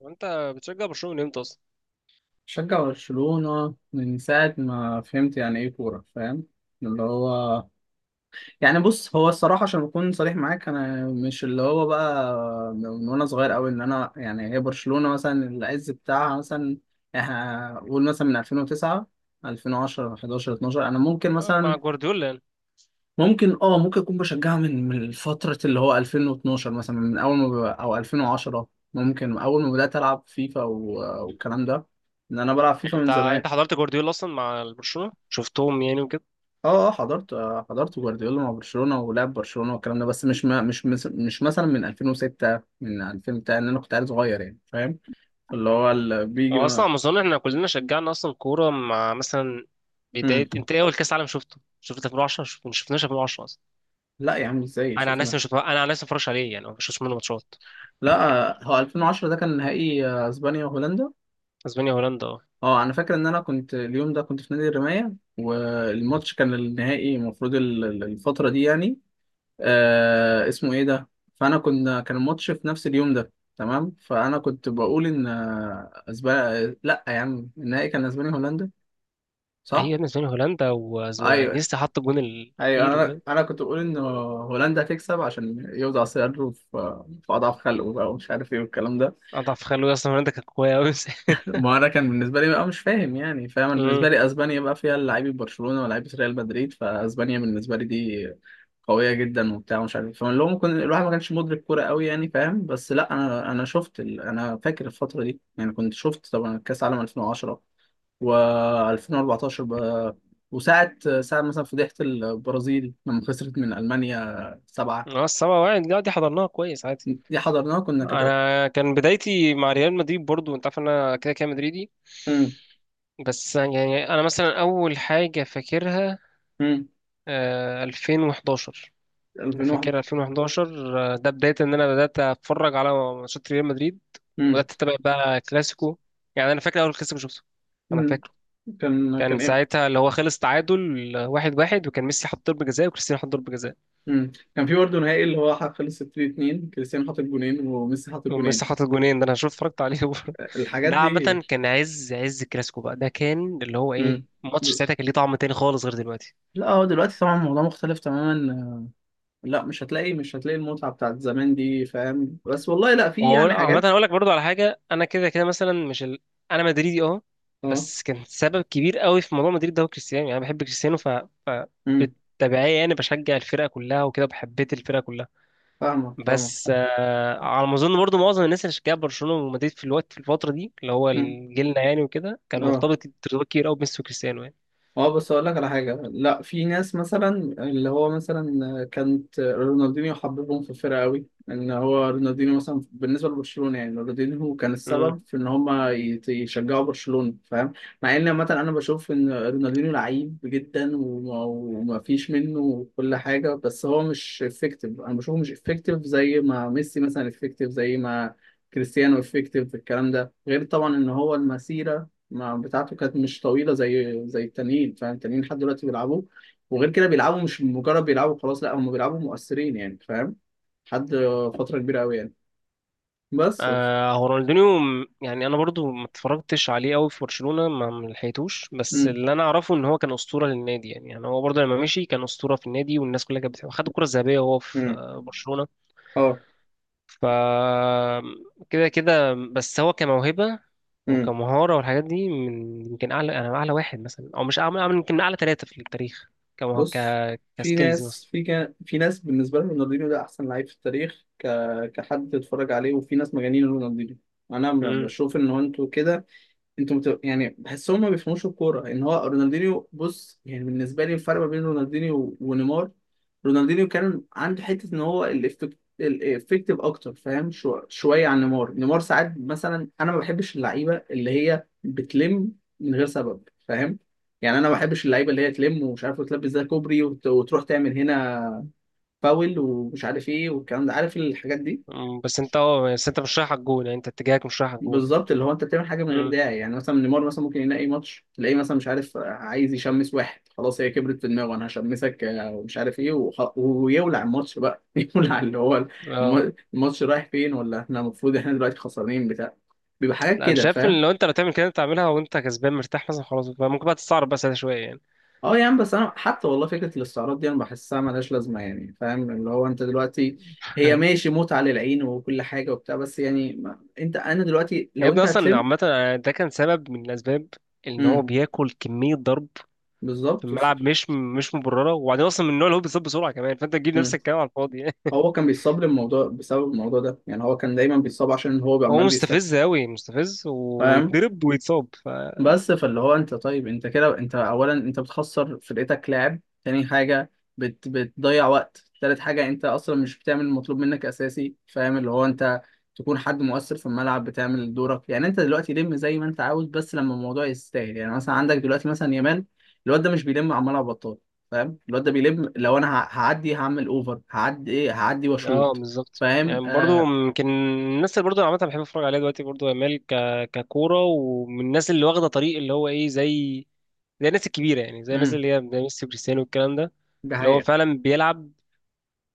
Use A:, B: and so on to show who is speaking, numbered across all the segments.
A: وانت بتشجع برشلونه من امتى اصلا؟
B: شجع برشلونة من ساعة ما فهمت يعني إيه كورة فاهم. اللي هو يعني بص، هو الصراحة عشان أكون صريح معاك، أنا مش اللي هو بقى من وأنا صغير أوي إن أنا، يعني هي برشلونة مثلا العز بتاعها مثلا، إحنا قول مثلا من 2009، 2010، 11، 12، أنا ممكن
A: مع
B: مثلا،
A: جوارديولا يعني.
B: ممكن أه ممكن أكون بشجعها من فترة اللي هو 2012 مثلا، من أول ما ب- أو 2010 ممكن، أول ما بدأت ألعب فيفا والكلام ده. إن أنا بلعب فيفا
A: يعني
B: من
A: انت
B: زمان.
A: انت حضرت جوارديولا اصلا مع برشلونه شفتهم يعني وكده.
B: اه حضرت، حضرت جوارديولا مع برشلونة ولعب برشلونة والكلام ده، بس مش ما مش مس- مش مثلا من 2006، من 2000، بتاع ان انا كنت عيل صغير، يعني فاهم. اللي هو اللي بيجي
A: هو اصلا
B: ما...
A: على ما اظن احنا كلنا شجعنا اصلا كوره مع مثلا بدايه،
B: مم.
A: انت ايه اول كاس عالم شفته 2010، ما شفناش 2010 اصلا.
B: لا يا عم، ازاي
A: انا عن نفسي
B: شفنا.
A: مش بتفرج- انا عن نفسي ما بتفرجش عليه يعني، ما بشوفش منه ماتشات.
B: لا، هو 2010 ده كان نهائي، اسبانيا وهولندا.
A: اسبانيا هولندا، اه.
B: اه انا فاكر ان انا كنت اليوم ده كنت في نادي الرماية، والماتش كان النهائي المفروض الفترة دي يعني. آه اسمه ايه ده. فانا كان الماتش في نفس اليوم ده، تمام، فانا كنت بقول ان، اسبانيا، لا يا عم النهائي كان اسبانيا هولندا،
A: ايوه يا
B: صح.
A: ابني، اسبانيا هولندا،
B: ايوه،
A: ونيستا حط الجون
B: ايوه
A: الاخير
B: انا
A: وكده.
B: انا كنت بقول ان هولندا هتكسب عشان يوضع صدره في في اضعف خلقه بقى ومش عارف ايه والكلام ده.
A: اضعف خلوي، اصلا هولندا كانت قويه قوي.
B: ما انا كان بالنسبه لي بقى مش فاهم يعني، فاهم، أنا بالنسبه
A: امم.
B: لي اسبانيا بقى فيها لعيبه برشلونه ولاعيبه ريال مدريد، فاسبانيا بالنسبه لي دي قويه جدا وبتاع ومش عارف إيه. فاللي هو ممكن الواحد ما كانش مدرك كوره قوي، يعني فاهم. بس لا، انا شفت ال... انا فاكر الفتره دي يعني، كنت شفت طبعا كاس عالم 2010 و2014 ب... وساعه ساعه مثلا فضيحه البرازيل لما خسرت من المانيا سبعه.
A: اه، السبعة واحد، لا، دي حضرناها كويس.
B: دي حضرناها كنا كده.
A: انا كان بدايتي مع ريال مدريد برضو، انت عارف ان انا كده كده مدريدي.
B: امم.
A: بس يعني انا مثلا اول حاجه فاكرها
B: امم.
A: 2011. انا فاكر
B: 2001.
A: 2011، ده بدايه ان انا بدات اتفرج على ماتشات ريال مدريد،
B: امم.
A: وبدات اتابع بقى كلاسيكو. يعني انا فاكر اول كلاسيكو شفته، انا
B: امم.
A: فاكره.
B: كان
A: كان
B: ايه؟
A: ساعتها اللي هو خلص تعادل واحد واحد، وكان ميسي حط ضربه جزاء وكريستيانو حط ضربه جزاء،
B: امم. كان في برضه نهائي اللي هو خلص 3-2، كريستيانو حاطط جونين وميسي حاطط جونين.
A: وميسي حاطط جونين. ده انا شفت اتفرجت عليه.
B: الحاجات
A: ده
B: دي.
A: عامة كان عز عز الكلاسيكو بقى، ده كان اللي هو ايه،
B: امم.
A: ماتش ساعتها كان ليه طعم تاني خالص غير دلوقتي.
B: لا هو دلوقتي طبعا الموضوع مختلف تماما. لا، مش هتلاقي المتعة بتاعت زمان دي، فاهم، بس والله لا في
A: وهو
B: يعني
A: عامة
B: حاجات.
A: هقول لك برضو على حاجة، انا كده كده مثلا مش ال... انا مدريدي، اه.
B: اه.
A: بس كان سبب كبير قوي في موضوع مدريد ده هو كريستيانو، يعني انا بحب كريستيانو ف...
B: امم.
A: بالتبعية يعني بشجع الفرقة كلها وكده، وبحبيت الفرقة كلها.
B: فاهمك
A: بس
B: فاهمك.
A: على ما اظن برضو معظم الناس اللي شجعت برشلونة ومدريد في الفترة دي، اللي هو
B: امم.
A: جيلنا يعني وكده، كان
B: اه.
A: مرتبط ارتباط كبير قوي بميسي وكريستيانو.
B: اه بس اقول لك على حاجه. لا في ناس مثلا اللي هو مثلا كانت رونالدينيو حببهم في الفرقه قوي، ان هو رونالدينيو مثلا بالنسبه لبرشلونه، يعني رونالدينيو كان
A: يعني
B: السبب في ان هم يشجعوا برشلونه، فاهم. مع ان مثلا انا بشوف ان رونالدينيو لعيب جدا وما فيش منه كل حاجه، بس هو مش افكتيف. انا بشوفه مش افكتيف زي ما ميسي مثلا افكتيف، زي ما كريستيانو افكتيف. الكلام ده غير طبعا ان هو المسيره ما بتاعته كانت مش طويله، زي التانيين، فاهم. التانيين لحد دلوقتي بيلعبوا، وغير كده بيلعبوا، مش مجرد بيلعبوا خلاص، لا، هم بيلعبوا مؤثرين، يعني فاهم، لحد فتره كبيره قوي يعني. بس.
A: هو رونالدينيو يعني انا برضو ما اتفرجتش عليه قوي في برشلونة، ما لحقتوش، بس
B: امم.
A: اللي انا اعرفه ان هو كان اسطورة للنادي، يعني هو برضو لما مشي كان اسطورة في النادي والناس كلها كانت بتحبه، خد الكرة الذهبية وهو في
B: امم.
A: برشلونة.
B: اه.
A: ف كده كده، بس هو كموهبة
B: امم.
A: وكمهارة والحاجات دي من يمكن اعلى، انا اعلى واحد مثلا، او مش يمكن من اعلى ثلاثة في التاريخ. كمه... ك
B: بص، في
A: كسكيلز
B: ناس
A: مثلا.
B: في كان في ناس بالنسبه لهم رونالدينيو ده احسن لعيب في التاريخ ك... كحد اتفرج عليه. وفي ناس مجانين رونالدينيو.
A: مم.
B: بشوف ان هو، انتوا كده انتوا مت... يعني بحسهم ما بيفهموش الكوره ان هو رونالدينيو. بص يعني، بالنسبه لي الفرق ما بين رونالدينيو ونيمار، رونالدينيو كان عنده حته ان هو الإفكت... الافكتيف اكتر، فاهم، شو... شويه عن نيمار. نيمار ساعات مثلا، انا ما بحبش اللعيبه اللي هي بتلم من غير سبب، فاهم. يعني انا ما بحبش اللعيبه اللي هي تلم ومش عارف، وتلبس ده كوبري، وتروح تعمل هنا فاول ومش عارف ايه والكلام ده، عارف، الحاجات دي.
A: مم. بس انت مش رايح على الجون، يعني انت اتجاهك مش رايح على الجون.
B: بالظبط، اللي هو انت بتعمل حاجه من غير
A: مم.
B: داعي. يعني مثلا نيمار مثلا ممكن يلاقي ماتش تلاقيه مثلا مش عارف، عايز يشمس واحد، خلاص هي كبرت في دماغه انا هشمسك، ومش عارف ايه، ويولع الماتش بقى. يولع اللي هو
A: اه،
B: الماتش رايح فين، ولا احنا المفروض احنا دلوقتي خسرانين بتاع، بيبقى حاجات
A: لا انا
B: كده،
A: شايف
B: فاهم.
A: ان لو انت تعمل كده، انت تعملها وانت كسبان مرتاح مثلا، خلاص بقى ممكن بقى تستعرض بقى ساعتها شويه يعني.
B: اه يا عم بس انا حتى والله فكره الاستعراض دي انا بحسها ملهاش لازمه، يعني فاهم، اللي هو انت دلوقتي هي ماشي متعه للعين وكل حاجه وبتاع، بس يعني ما... انت، انا دلوقتي
A: يا
B: لو انت
A: ابني اصلا
B: هتلم.
A: عامه، أنا ده كان سبب من الاسباب، ان هو
B: امم.
A: بياكل كميه ضرب في
B: بالظبط، وصل.
A: الملعب مش مبرره، وبعدين اصلا من النوع اللي هو بيصاب بسرعه كمان، فانت تجيب نفسك كمان على الفاضي يعني.
B: هو كان بيصاب للموضوع بسبب الموضوع ده، يعني هو كان دايما بيصاب عشان هو
A: هو
B: عمال بيستفيد.
A: مستفز قوي، مستفز،
B: فاهم.
A: ويتضرب ويتصاب.
B: بس فاللي هو انت، طيب انت كده، انت اولا انت بتخسر فرقتك لاعب، تاني حاجه بتضيع وقت، تالت حاجه انت اصلا مش بتعمل المطلوب منك اساسي، فاهم. اللي هو انت تكون حد مؤثر في الملعب، بتعمل دورك، يعني انت دلوقتي لم زي ما انت عاوز، بس لما الموضوع يستاهل. يعني مثلا عندك دلوقتي مثلا يامال، الواد ده مش بيلم عمال على بطال، فاهم. الواد ده بيلم لو انا هعدي، هعمل اوفر، هعدي ايه، هعدي
A: اه
B: واشوط.
A: بالظبط،
B: فاهم.
A: يعني برضو
B: آه.
A: يمكن الناس اللي برضو أنا عامه بحب اتفرج عليها دلوقتي برضو، يامال ككوره، ومن الناس اللي واخده طريق اللي هو ايه، زي الناس الكبيره، يعني زي الناس
B: امم.
A: اللي هي زي ميسي وكريستيانو والكلام ده،
B: ده
A: اللي هو
B: حقيقة.
A: فعلا بيلعب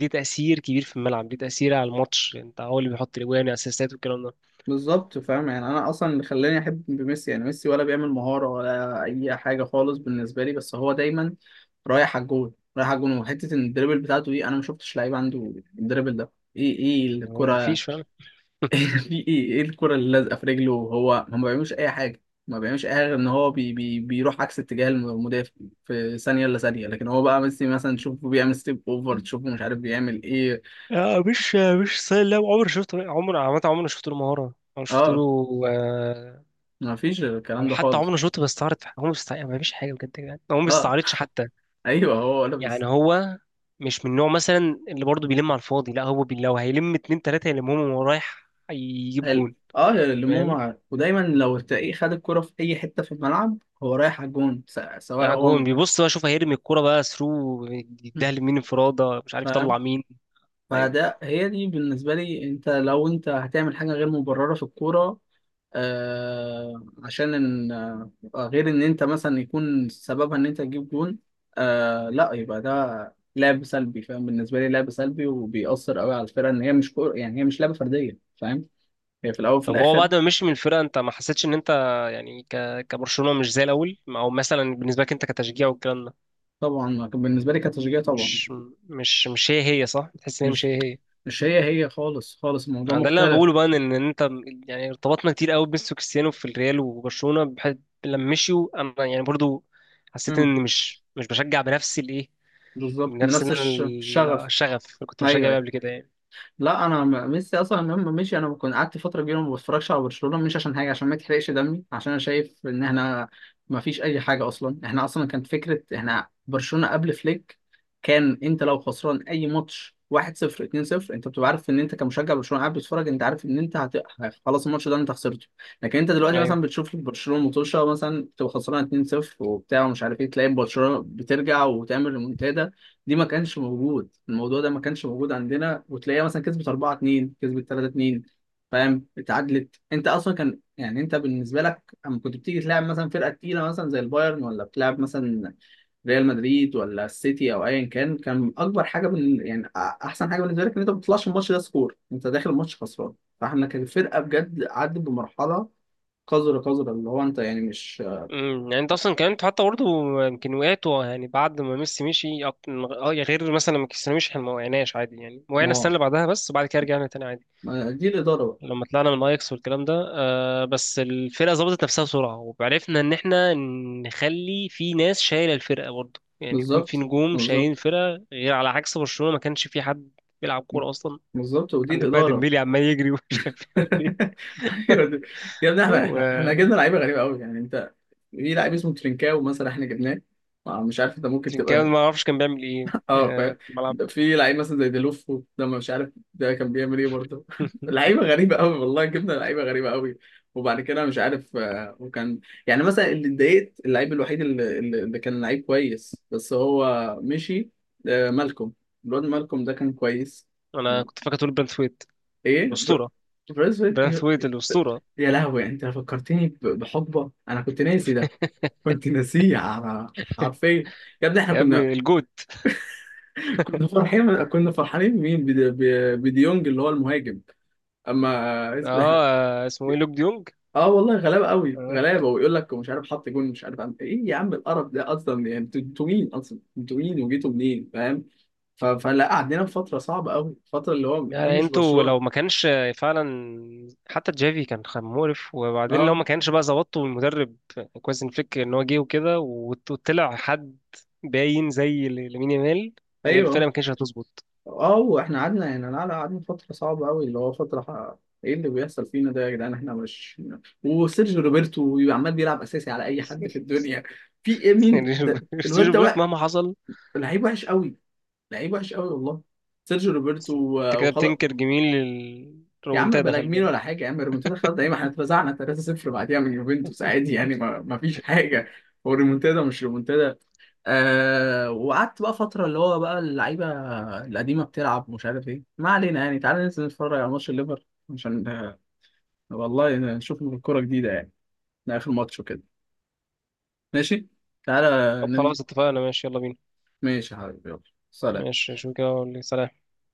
A: ليه تاثير كبير في الملعب، ليه تاثير على الماتش، انت هو اللي بيحط الاجوان اسيستات والكلام ده.
B: بالظبط، فاهم. يعني انا اصلا اللي خلاني احب ميسي، يعني ميسي ولا بيعمل مهارة ولا اي حاجة خالص بالنسبة لي، بس هو دايما رايح على الجول، رايح على الجول، وحتة ان الدريبل بتاعته دي انا ما شفتش لعيب عنده. الدريبل ده ايه؟ ايه
A: هو
B: الكرة؟
A: مفيش فعلا.
B: في ايه؟ ايه الكرة اللي لازقة في رجله؟ هو ما بيعملش اي حاجة. ما بيعملش اي حاجة غير ان هو بي بيروح عكس اتجاه المدافع في ثانية الا ثانية. لكن هو بقى ميسي مثلا تشوفه بيعمل ستيب اوفر، تشوفه مش عارف بيعمل ايه.
A: آه مش مش سهل. لا عمري شفته، عمر عامه عمري ما شفت له مهاره، عمري شفت له.
B: اه.
A: آه،
B: ما فيش
A: او
B: الكلام ده
A: حتى عمري
B: خالص.
A: ما شفته بيستعرض في حاجة. هو ما فيش حاجه بجد، يعني هو ما
B: اه.
A: بيستعرضش حتى.
B: ايوه هو ولا
A: يعني
B: بيستاهل.
A: هو مش من النوع مثلا اللي برضه بيلم على الفاضي، لا هو لو هيلم اتنين تلاته يلمهم وهو رايح يجيب جون.
B: اه اللي
A: فاهم؟
B: ماما، ودايما لو تلاقيه خد الكرة في اي حتة في الملعب هو رايح على الجون، سواء
A: يعني جون،
B: هو.
A: بيبص بقى، شوف هيرمي الكوره بقى ثرو، يديها
B: مم.
A: لمين، انفراده، مش عارف يطلع
B: فاهم.
A: مين. ايوه.
B: فده هي دي بالنسبة لي، انت لو انت هتعمل حاجة غير مبررة في الكورة، آه عشان ان، آه غير ان انت مثلا يكون سببها ان انت تجيب جون، آه، لا يبقى ده لعب سلبي، فاهم، بالنسبة لي لعب سلبي وبيأثر قوي على الفرقة. ان هي مش كورة، يعني هي مش لعبة فردية، فاهم، هي في الاول وفي
A: طب هو
B: الاخر.
A: بعد ما مشي من الفرقه، انت ما حسيتش ان انت يعني كبرشلونه مش زي الاول، او مثلا بالنسبه لك انت كتشجيع والكلام ده،
B: طبعا بالنسبة لي كتشجيع طبعا.
A: مش مش هي هي؟ صح، تحس ان هي مش هي
B: مش
A: هي.
B: مش هي هي خالص، خالص الموضوع
A: يعني ده اللي انا
B: مختلف.
A: بقوله بقى، ان انت يعني، ارتبطنا كتير قوي بميسي وكريستيانو في الريال وبرشلونه، بحيث لما مشيوا انا يعني برضو حسيت
B: امم.
A: ان مش بشجع بنفس الايه،
B: بالظبط، من
A: بنفس إن
B: نفس
A: أنا
B: الشغف.
A: الشغف اللي كنت
B: ايوه
A: بشجع بيه
B: ايوه.
A: قبل كده يعني.
B: لا ميسي اصلا لما مشي انا كنت قعدت فتره كبيره ما بتفرجش على برشلونه، مش عشان حاجه، عشان ما يتحرقش دمي، عشان انا شايف ان احنا ما فيش اي حاجه اصلا. احنا اصلا كانت فكره احنا برشلونه قبل فليك، كان انت لو خسران اي ماتش 1-0، 2-0، انت بتبقى عارف ان انت كمشجع برشلونه قاعد بتتفرج، انت عارف ان انت هت... خلاص الماتش ده انت خسرته. لكن انت دلوقتي
A: ايوه.
B: مثلا بتشوف برشلونه مطوشه مثلا، تبقى خسران 2-0 وبتاع ومش عارف ايه، تلاقي برشلونه بترجع وتعمل ريمونتادا. دي ما كانش موجود، الموضوع ده ما كانش موجود عندنا. وتلاقيها مثلا كسبت 4-2، كسبت 3-2، فاهم، اتعادلت. انت اصلا كان يعني انت بالنسبه لك، اما كنت بتيجي تلعب مثلا فرقه تقيله مثلا زي البايرن، ولا بتلعب مثلا ريال مدريد، ولا السيتي، او ايا كان، كان اكبر حاجه بال... يعني احسن حاجه بالنسبه لك ان انت ما بتطلعش الماتش ده سكور، انت داخل الماتش خسران. فاحنا كان الفرقه بجد عدت بمرحله قذره، قذره اللي هو انت يعني مش.
A: امم. يعني انت اصلا كمان انت حتى برضه يمكن وقعت يعني بعد ما ميسي مشي، اه يا، غير مثلا لما كريستيانو مشي احنا ما وقعناش عادي يعني، وقعنا السنه
B: اه.
A: اللي بعدها بس، وبعد كده رجعنا تاني عادي
B: ما- دي الاداره بقى.
A: لما طلعنا من اياكس والكلام ده، بس الفرقه ظبطت نفسها بسرعه، وعرفنا ان احنا نخلي في ناس شايله الفرقه برضه، يعني يكون في
B: بالظبط.
A: نجوم شايلين
B: بالظبط.
A: الفرقه، غير على عكس برشلونه ما كانش في حد بيلعب كوره اصلا.
B: بالظبط، ودي
A: عندك بقى
B: الإدارة.
A: ديمبيلي عمال يجري ومش عارف يعمل ايه.
B: ايوه ده-. يا ابني
A: هو
B: احنا جبنا لعيبه غريبه قوي، يعني انت في لعيب اسمه ترينكاو مثلا احنا جبناه، مش عارف ده ممكن
A: ترينكاوي،
B: تبقى.
A: ما اعرفش كان بيعمل ايه
B: اه فاهم.
A: في الملعب.
B: ده في لعيب مثلا زي ديلوفو ده، ما مش عارف ده كان بيعمل ايه برضه. لعيبه غريبه قوي والله، جبنا لعيبه غريبه قوي. وبعد كده مش عارف، وكان يعني مثلا اللي اتضايقت، اللعيب الوحيد اللي كان لعيب كويس بس هو مشي، مالكوم، الواد مالكوم ده كان كويس.
A: انا كنت فاكر تقول برانثويت
B: ايه بر...؟
A: الاسطوره.
B: بريس ويت إيه؟
A: برانثويت الاسطوره،
B: يا لهوي، انت فكرتني بحقبه انا كنت ناسي ده، كنت ناسيه على، حرفيا. يا ابني احنا
A: يا
B: كنا.
A: ابني الجوت.
B: كنا فرحين، كنا فرحانين مين بديونج اللي هو المهاجم، اما إحنا-.
A: اه اسمه ايه، لوك ديونج؟
B: اه والله غلابه قوي،
A: اه،
B: غلابه، ويقول لك مش عارف حط جون مش عارف عم... ايه يا عم القرف ده اصلا، يعني انتوا مين اصلا، انتوا مين وجيتوا منين، فاهم. ف... فلا قعدنا في فتره صعبه قوي، فتره اللي هو دي
A: يعني
B: مش
A: انتوا لو ما
B: برشلونه.
A: كانش فعلا، حتى جافي كان مقرف، وبعدين لو
B: اه.
A: ما كانش بقى ظبطته المدرب كويس إن فليك ان هو جه وكده وطلع حد باين زي لامين يامال، هي الفرقه
B: ايوه.
A: ما كانتش هتظبط.
B: اه واحنا قعدنا يعني، لا قعدنا فترة صعبة قوي، اللي هو فترة ح-، ايه اللي بيحصل فينا ده يا جدعان، احنا مش. وسيرجيو روبرتو بيبقى عمال بيلعب اساسي على اي حد في الدنيا. في ايه،
A: يعني
B: مين ده؟ الواد
A: سيرجيو
B: ده
A: بريت
B: وقع،
A: مهما حصل.
B: لعيب وحش قوي، لعيب وحش قوي والله، سيرجيو روبرتو
A: انت كده
B: وخلاص.
A: بتنكر جميل،
B: يا عم
A: الرومنتادا،
B: بلا
A: خلي
B: جميل ولا
A: بالك.
B: حاجة يا عم، الريمونتادا خلاص، ايه ما احنا اتفزعنا 3-0 بعديها من يوفنتوس عادي، يعني ما فيش حاجة. هو الريمونتادا مش ريمونتادا. آه، وقعدت بقى فترة اللي هو بقى اللعيبة القديمة بتلعب مش عارف ايه، ما علينا. يعني تعالى ننزل نتفرج على ماتش الليفر، عشان والله نشوف الكورة جديدة يعني، ده آخر ماتش وكده. ماشي. تعالى.
A: طب
B: ننزل.
A: خلاص اتفقنا، ماشي يلا بينا.
B: ماشي يا حبيبي، يلا. سلام.
A: ماشي، شو كده سلام.